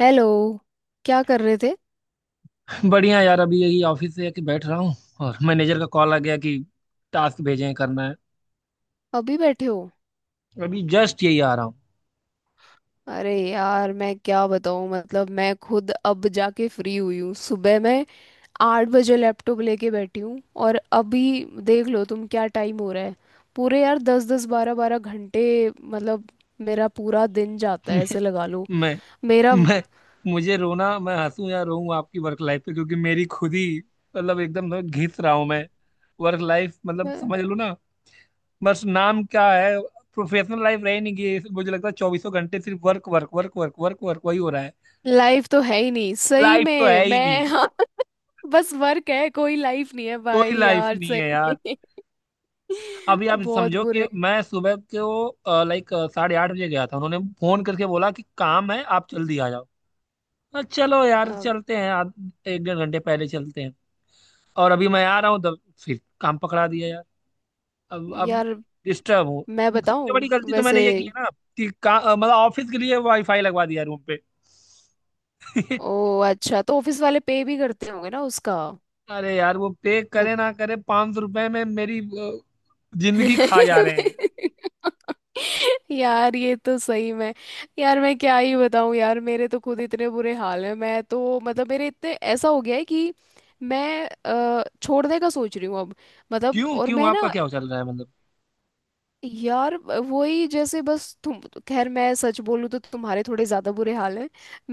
Hello. क्या कर रहे थे? बढ़िया यार अभी यही ऑफिस से आके बैठ रहा हूँ। और मैनेजर का कॉल आ गया कि टास्क भेजे हैं करना है। अभी बैठे हो? अभी जस्ट यही आ रहा हूँ। अरे यार, मैं क्या बताऊँ, मतलब मैं खुद अब जाके फ्री हुई हूँ। सुबह मैं 8 बजे लैपटॉप लेके बैठी हूँ। और अभी देख लो तुम, क्या टाइम हो रहा है। पूरे यार दस दस बारह बारह घंटे, मतलब मेरा पूरा दिन जाता है ऐसे लगा लो। मैं मेरा मैं मुझे रोना, मैं हंसूं या रोऊं आपकी वर्क लाइफ पे, क्योंकि मेरी खुद ही मतलब एकदम ना घिस रहा हूँ मैं। वर्क लाइफ मतलब समझ लो ना, बस नाम क्या है, प्रोफेशनल लाइफ रह नहीं गई। मुझे लगता है चौबीसों घंटे सिर्फ work work work work work work वही हो रहा है। लाइफ तो है ही नहीं सही लाइफ तो में है ही नहीं, मैं। हाँ। बस वर्क है, कोई लाइफ नहीं है, कोई भाई लाइफ यार नहीं है सही यार। में। अभी आप बहुत समझो कि बुरे। मैं सुबह को लाइक 8:30 बजे गया था। उन्होंने फोन करके बोला कि काम है आप जल्दी आ जाओ। चलो यार अब चलते हैं, एक डेढ़ घंटे पहले चलते हैं। और अभी मैं आ रहा हूँ तब फिर काम पकड़ा दिया यार। अब यार डिस्टर्ब हूँ। मैं सबसे बताऊं बड़ी गलती तो वैसे। मैंने ये की है ना कि मतलब ऑफिस के लिए वाईफाई लगवा दिया रूम पे। ओ अच्छा, तो ऑफिस वाले पे भी करते होंगे ना उसका। अरे यार, वो पे मत। करे ना करे, 500 रुपए में मेरी जिंदगी खा जा रहे हैं। यार ये तो सही में। यार मैं क्या ही बताऊं, यार मेरे तो खुद इतने बुरे हाल हैं। मैं तो मतलब मेरे इतने ऐसा हो गया है कि मैं छोड़ने का सोच रही हूँ अब। मतलब क्यों और क्यों मैं आपका ना। क्या चल रहा है मतलब। यार वही जैसे बस तुम। खैर मैं सच बोलूँ तो तुम्हारे थोड़े ज्यादा बुरे हाल हैं,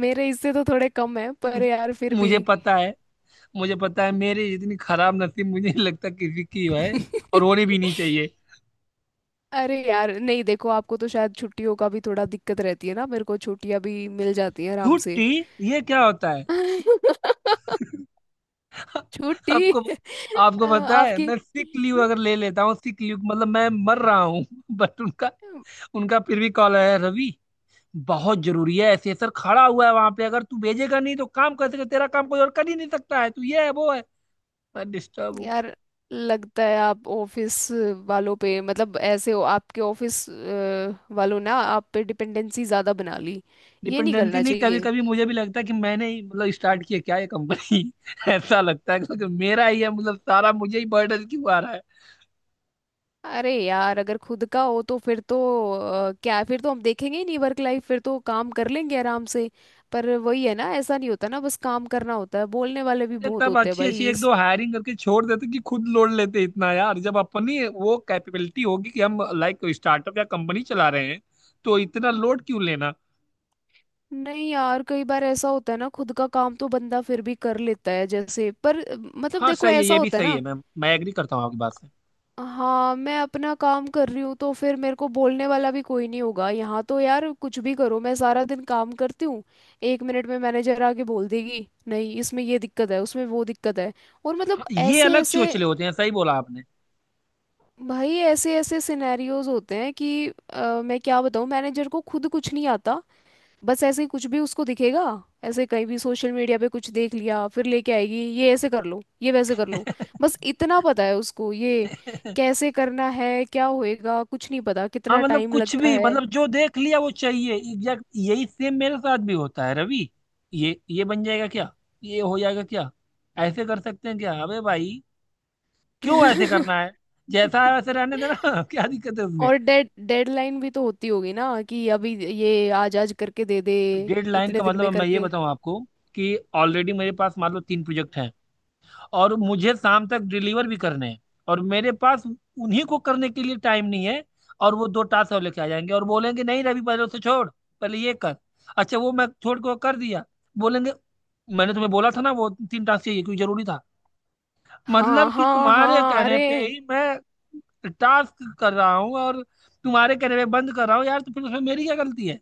मेरे इससे तो थोड़े कम हैं, पर मुझे यार फिर भी। मुझे पता है, मुझे पता है मेरी इतनी खराब नसीब मुझे नहीं लगता किसी की है। और होनी भी नहीं चाहिए। अरे यार नहीं, देखो आपको तो शायद छुट्टियों का भी थोड़ा दिक्कत रहती है ना। मेरे को छुट्टियां भी मिल जाती है आराम से। छुट्टी ये क्या होता है। छुट्टी। आपको, पता है आपकी। मैं सिक लीव अगर ले लेता हूँ, सिक लीव मतलब मैं मर रहा हूँ, बट उनका उनका फिर भी कॉल आया, रवि बहुत जरूरी है, ऐसे सर खड़ा हुआ है वहां पे, अगर तू भेजेगा नहीं तो काम कैसे, तेरा काम कोई और कर ही नहीं सकता है, तू ये है वो है। मैं डिस्टर्ब हूँ। यार लगता है आप ऑफिस वालों पे मतलब ऐसे हो आपके ऑफिस वालों, ना आप पे डिपेंडेंसी ज्यादा बना ली। ये नहीं डिपेंडेंसी करना नहीं, कभी चाहिए। कभी मुझे भी लगता है कि मैंने ही मतलब स्टार्ट किया क्या ये कंपनी। ऐसा लगता है क्योंकि मेरा ही है मतलब सारा, मुझे ही बर्डन क्यों आ रहा है। अरे यार अगर खुद का हो तो फिर तो क्या फिर तो हम देखेंगे ही नहीं वर्क लाइफ, फिर तो काम कर लेंगे आराम से। पर वही है ना, ऐसा नहीं होता ना, बस काम करना होता है, बोलने वाले भी ये बहुत तब होते हैं अच्छी अच्छी भाई एक इस। दो हायरिंग करके छोड़ देते कि खुद लोड लेते इतना यार, जब अपनी वो कैपेबिलिटी होगी कि हम लाइक स्टार्टअप या कंपनी चला रहे हैं, तो इतना लोड क्यों लेना। नहीं यार, कई बार ऐसा होता है ना, खुद का काम तो बंदा फिर भी कर लेता है जैसे, पर मतलब हाँ देखो सही है, ऐसा ये भी होता है सही ना। है मैम, मैं एग्री करता हूँ आपकी बात से। हाँ, मैं अपना काम कर रही हूँ तो फिर मेरे को बोलने वाला भी कोई नहीं होगा। यहाँ तो यार कुछ भी करो, मैं सारा दिन काम करती हूँ। 1 मिनट में मैनेजर आके बोल देगी नहीं इसमें ये दिक्कत है, उसमें वो दिक्कत है और मतलब हाँ, ये ऐसे अलग ऐसे। चोचले होते हैं, सही बोला भाई ऐसे ऐसे सिनेरियोज होते हैं कि मैं क्या बताऊँ, मैनेजर को खुद कुछ नहीं आता। बस ऐसे ही कुछ भी उसको दिखेगा, ऐसे कहीं भी सोशल मीडिया पे कुछ देख लिया फिर लेके आएगी, ये ऐसे कर लो, ये वैसे कर लो। आपने। बस इतना पता है उसको, ये कैसे करना है, क्या होएगा कुछ नहीं पता, हाँ कितना मतलब टाइम कुछ लगता भी, है। मतलब जो देख लिया वो चाहिए, एग्जैक्ट यही सेम मेरे साथ भी होता है रवि। ये बन जाएगा क्या, ये हो जाएगा क्या, ऐसे कर सकते हैं क्या। अबे भाई क्यों ऐसे करना है, जैसा है वैसे रहने देना। क्या दिक्कत है उसमें। और डेडलाइन भी तो होती होगी ना कि अभी ये आज आज करके दे दे डेडलाइन इतने का दिन में मतलब मैं ये करके। बताऊं आपको कि ऑलरेडी मेरे पास मान लो तीन प्रोजेक्ट हैं, और मुझे शाम तक डिलीवर भी करने हैं, और मेरे पास उन्हीं को करने के लिए टाइम नहीं है। और वो दो टास्क और लेके आ जाएंगे और बोलेंगे नहीं रवि पहले उसे छोड़, पहले ये कर। अच्छा वो मैं छोड़ के वो कर दिया, बोलेंगे मैंने तुम्हें बोला था ना वो तीन टास्क चाहिए क्योंकि जरूरी था। हाँ मतलब कि हाँ तुम्हारे हाँ, कहने अरे पे ही मैं टास्क कर रहा हूँ और तुम्हारे कहने पे बंद कर रहा हूँ यार, तो फिर उसमें मेरी क्या गलती है।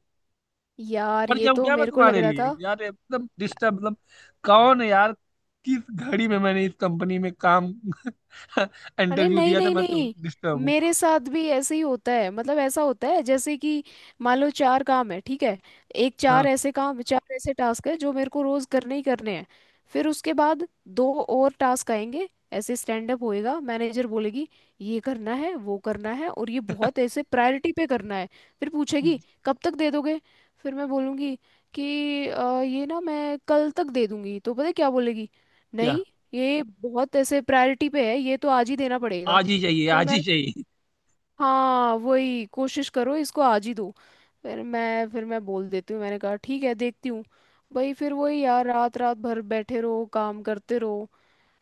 यार मर ये जाऊं तो क्या मैं मेरे को लग तुम्हारे रहा था। लिए यार, एकदम डिस्टर्ब मतलब। कौन है यार, किस घड़ी में मैंने इस कंपनी में काम अरे इंटरव्यू नहीं दिया था। नहीं मैं तो नहीं, डिस्टर्ब हूँ। मेरे साथ भी ऐसे ही होता है, मतलब ऐसा होता है जैसे कि मान लो चार काम है ठीक है। एक हाँ। चार ऐसे काम, चार ऐसे टास्क है जो मेरे को रोज करने ही करने हैं। फिर उसके बाद दो और टास्क आएंगे। ऐसे स्टैंड अप होएगा, मैनेजर बोलेगी ये करना है, वो करना है और ये बहुत ऐसे प्रायोरिटी पे करना है। फिर हम्म, पूछेगी कब तक दे दोगे। फिर मैं बोलूँगी कि " ये ना मैं कल तक दे दूंगी, तो पता है क्या बोलेगी? क्या। नहीं, ये बहुत ऐसे प्रायोरिटी पे है, ये तो आज ही देना पड़ेगा। आज ही चाहिए, फिर आज मैं, ही चाहिए। हाँ वही कोशिश करो इसको आज ही दो। फिर मैं बोल देती हूँ, मैंने कहा ठीक है देखती हूँ। भाई फिर वही यार, रात रात भर बैठे रहो काम करते रहो।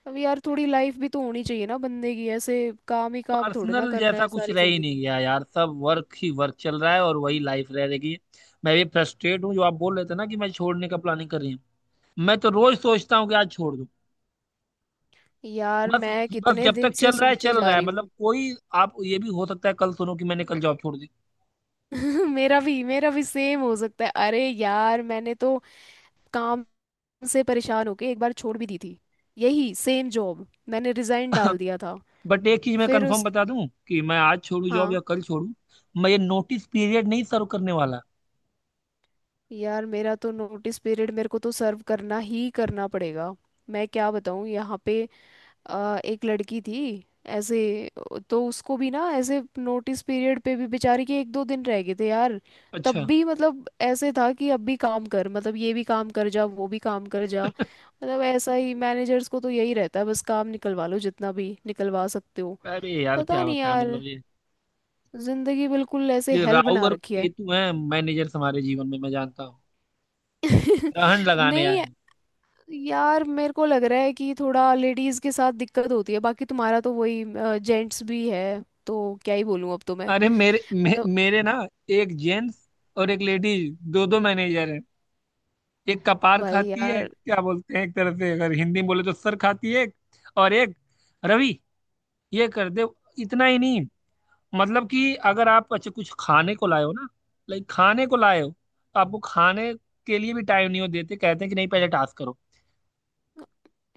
अब यार थोड़ी लाइफ भी तो होनी चाहिए ना बंदे की, ऐसे काम ही काम थोड़े ना पर्सनल करना जैसा है कुछ सारी रह ही नहीं जिंदगी। गया यार, सब वर्क ही वर्क चल रहा है और वही लाइफ रह रही है। मैं भी फ्रस्ट्रेट हूँ, जो आप बोल रहे थे ना कि मैं छोड़ने का प्लानिंग कर रही हूँ, मैं तो रोज सोचता हूँ कि आज छोड़ दूं। यार बस, मैं बस कितने जब दिन तक से चल रहा है सोचे चल जा रहा है, रही मतलब हूँ। कोई, आप ये भी हो सकता है कल सुनो कि मैंने कल जॉब छोड़ दी। मेरा भी सेम हो सकता है। अरे यार मैंने तो काम से परेशान होके एक बार छोड़ भी दी थी। यही सेम जॉब मैंने रिजाइन डाल दिया था। बट एक चीज मैं फिर कंफर्म उस। बता दूं कि मैं आज छोड़ू जॉब हाँ। या कल छोड़ू, मैं ये नोटिस पीरियड नहीं सर्व करने वाला। यार मेरा तो नोटिस पीरियड मेरे को तो सर्व करना ही करना पड़ेगा। मैं क्या बताऊँ, यहाँ पे एक लड़की थी ऐसे। तो उसको भी ना ऐसे नोटिस पीरियड पे भी बेचारी के 1-2 दिन रह गए थे यार। अच्छा। तब भी मतलब ऐसे था कि अब भी काम कर, मतलब ये भी काम कर जा, वो भी काम कर जा। मतलब ऐसा ही मैनेजर्स को तो यही रहता है, बस काम निकलवा लो जितना भी निकलवा सकते हो। अरे यार पता क्या नहीं बताएं, यार, मतलब ये जिंदगी बिल्कुल ऐसे ये हेल राहु बना और रखी है। केतु हैं मैनेजर्स हमारे जीवन में, मैं जानता हूँ ग्रहण लगाने आए नहीं हैं। यार मेरे को लग रहा है कि थोड़ा लेडीज के साथ दिक्कत होती है, बाकी तुम्हारा तो वही जेंट्स भी है तो क्या ही बोलूं अब तो मैं, अरे मतलब मेरे ना, एक जेंट्स और एक लेडीज, दो दो मैनेजर हैं। एक कपार भाई खाती है, यार। क्या बोलते हैं, एक तरह से अगर हिंदी में बोले तो सर खाती है एक। और एक, रवि ये कर दे। इतना ही नहीं, मतलब कि अगर आप अच्छा कुछ खाने को लाए हो ना, लाइक खाने को लाए हो, तो आपको खाने के लिए भी टाइम नहीं हो देते, कहते हैं कि नहीं पहले टास्क करो।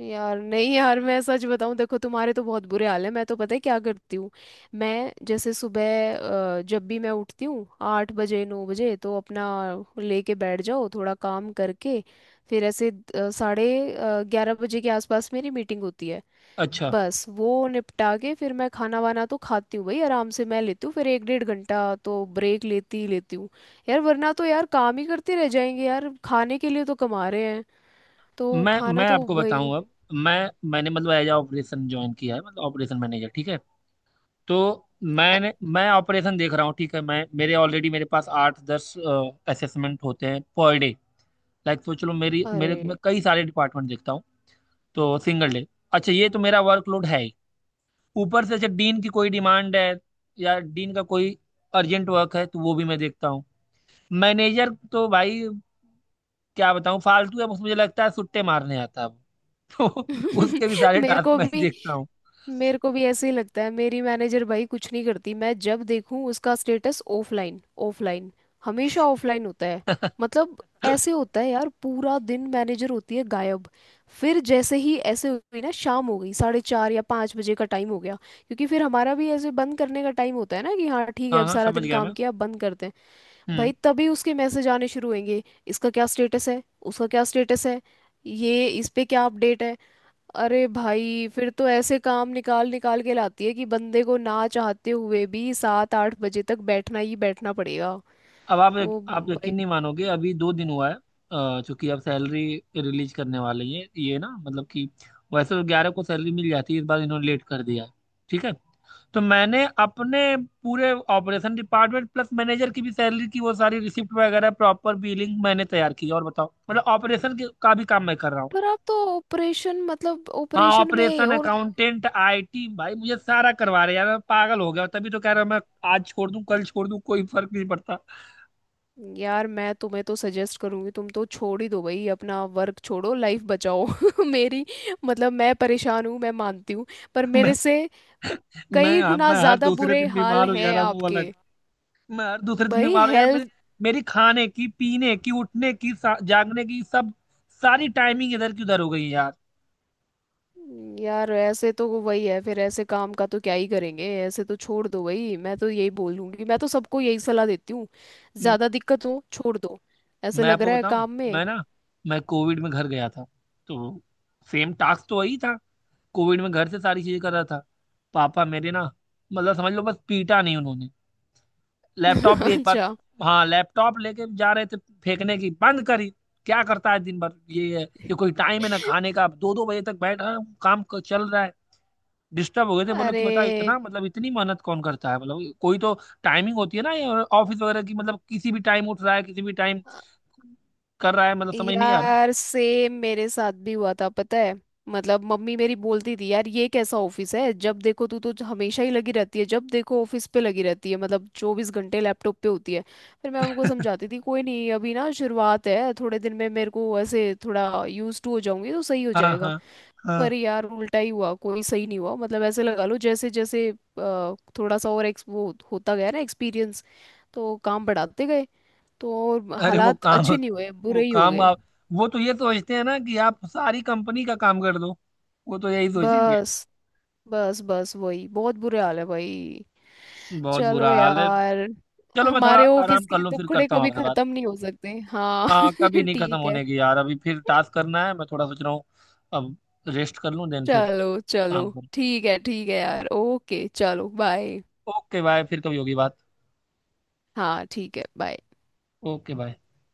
यार नहीं यार मैं सच बताऊं, देखो तुम्हारे तो बहुत बुरे हाल है। मैं तो पता है क्या करती हूँ, मैं जैसे सुबह जब भी मैं उठती हूँ 8-9 बजे तो अपना लेके बैठ जाओ थोड़ा काम करके। फिर ऐसे साढ़े ग्यारह बजे के आसपास मेरी मीटिंग होती है। अच्छा। बस वो निपटा के फिर मैं खाना वाना तो खाती हूँ भाई आराम से, मैं लेती हूँ फिर एक डेढ़ घंटा तो ब्रेक लेती ही लेती हूँ। यार वरना तो यार काम ही करते रह जाएंगे यार, खाने के लिए तो कमा रहे हैं तो मैं खाना मैं तो आपको वही। बताऊं, अब मैं मैंने मतलब एज ऑपरेशन ज्वाइन किया है, मतलब ऑपरेशन मैनेजर, ठीक है। तो मैंने मैं ऑपरेशन देख रहा हूँ, ठीक है। मैं मेरे ऑलरेडी मेरे पास 8-10 असेसमेंट होते हैं पर डे, लाइक सोच लो, मेरी मेरे मैं अरे। कई सारे डिपार्टमेंट देखता हूँ, तो सिंगल डे। अच्छा ये तो मेरा वर्कलोड है ही, ऊपर से जब डीन की कोई डिमांड है या डीन का कोई अर्जेंट वर्क है तो वो भी मैं देखता हूँ। मैनेजर तो भाई क्या बताऊँ, फालतू है, बस मुझे लगता है सुट्टे मारने आता है वो। तो उसके भी सारे मेरे टास्क को मैं ही भी देखता हूँ। मेरे को भी ऐसे ही लगता है, मेरी मैनेजर भाई कुछ नहीं करती। मैं जब देखूं उसका स्टेटस ऑफलाइन, ऑफलाइन, हमेशा ऑफलाइन होता है। मतलब ऐसे होता है यार, पूरा दिन मैनेजर होती है गायब। फिर जैसे ही ऐसे हुई ना शाम हो गई, 4:30 या 5 बजे का टाइम हो गया। क्योंकि फिर हमारा भी ऐसे बंद करने का टाइम होता है ना कि हाँ ठीक है, हाँ अब हाँ सारा समझ दिन गया काम मैं। किया, अब बंद करते हैं। हम्म। भाई तभी उसके मैसेज आने शुरू होंगे, इसका क्या स्टेटस है, उसका क्या स्टेटस है, ये इस पे क्या अपडेट है। अरे भाई फिर तो ऐसे काम निकाल निकाल के लाती है कि बंदे को ना चाहते हुए भी 7-8 बजे तक बैठना ही बैठना पड़ेगा। अब आप, ओ भाई। यकीन नहीं मानोगे, अभी 2 दिन हुआ है, चूंकि अब सैलरी रिलीज करने वाले हैं, ये ना, मतलब कि वैसे तो 11 को सैलरी मिल जाती है, इस बार इन्होंने लेट कर दिया है, ठीक है। तो मैंने अपने पूरे ऑपरेशन डिपार्टमेंट प्लस मैनेजर की भी सैलरी की, वो सारी रिसिप्ट वगैरह प्रॉपर बिलिंग मैंने तैयार की है। और बताओ मतलब ऑपरेशन के का भी काम मैं कर रहा हूँ। पर आप तो ऑपरेशन, मतलब हाँ, ऑपरेशन में ऑपरेशन, और अकाउंटेंट, आईटी, भाई मुझे सारा करवा रहे हैं यार, मैं पागल हो गया हूँ। तभी तो कह रहा हूँ मैं, आज छोड़ दूँ कल छोड़ दूँ कोई फर्क नहीं पड़ता। यार मैं तुम्हें तो सजेस्ट करूंगी, तुम तो छोड़ ही दो भाई, अपना वर्क छोड़ो लाइफ बचाओ। मेरी मतलब मैं परेशान हूँ, मैं मानती हूँ, पर मैं मेरे से मैं कई हाँ, गुना मैं हर ज्यादा दूसरे बुरे दिन हाल बीमार हो जा हैं रहा हूँ, वो आपके अलग। मैं हर दूसरे दिन भाई। बीमार हो यार, मेरे, हेल्थ। मेरी खाने की पीने की उठने की जागने की सब, सारी टाइमिंग इधर की उधर हो गई है यार। यार ऐसे तो वो वही है, फिर ऐसे काम का तो क्या ही करेंगे, ऐसे तो छोड़ दो भाई, मैं तो यही बोलूंगी, मैं तो सबको यही सलाह देती हूँ। म- ज्यादा दिक्कत हो छोड़ दो, ऐसे मैं लग आपको रहा है बताऊं, काम में। मैं ना मैं कोविड में घर गया था, तो सेम टास्क तो वही था, कोविड में घर से सारी चीजें कर रहा था। पापा मेरे ना, मतलब समझ लो बस पीटा नहीं उन्होंने। लैपटॉप भी एक बार, अच्छा, हाँ लैपटॉप लेके जा रहे थे फेंकने की बंद करी। क्या करता है दिन भर ये कोई टाइम है ना खाने का, अब दो दो बजे तक बैठा हूँ, चल रहा है। डिस्टर्ब हो गए थे, बोलो कि अरे बता इतना, मतलब इतनी मेहनत कौन करता है, मतलब कोई तो टाइमिंग होती है ना, ये ऑफिस वगैरह की। मतलब किसी भी टाइम उठ रहा है, किसी भी टाइम कर रहा है, मतलब समझ नहीं आ रहा यार सेम मेरे साथ भी हुआ था पता है। मतलब मम्मी मेरी बोलती थी यार ये कैसा ऑफिस है, जब देखो तू तो हमेशा ही लगी रहती है, जब देखो ऑफिस पे लगी रहती है, मतलब 24 घंटे लैपटॉप पे होती है। फिर मैं उनको समझाती थी कोई नहीं, अभी ना शुरुआत है, थोड़े दिन में मेरे को ऐसे थोड़ा यूज टू हो जाऊंगी तो सही हो है। हाँ जाएगा। हाँ हाँ। पर यार उल्टा ही हुआ, कोई सही नहीं हुआ, मतलब ऐसे लगा लो जैसे जैसे थोड़ा सा और एक्स वो होता गया ना एक्सपीरियंस। तो काम बढ़ाते गए, तो और अरे हालात अच्छे नहीं हुए, वो बुरे ही हो काम गए। आप वो तो ये सोचते हैं ना कि आप सारी कंपनी का काम कर दो, वो तो यही सोचेंगे। बस बस बस वही बहुत बुरे हाल है भाई। बहुत बुरा चलो हाल है। यार। चलो मैं थोड़ा हमारे ऑफिस आराम कर के लूँ, फिर दुखड़े करता हूँ कभी आपसे बात। खत्म नहीं हो सकते, हाँ। हाँ कभी नहीं खत्म ठीक है, होने की यार, अभी फिर टास्क करना है, मैं थोड़ा सोच रहा हूँ। अब रेस्ट कर लूँ, देन फिर चलो चलो काम करूँ। ठीक है, ठीक है यार, ओके चलो बाय। ओके बाय, फिर कभी होगी बात। हाँ ठीक है, बाय। Okay bye.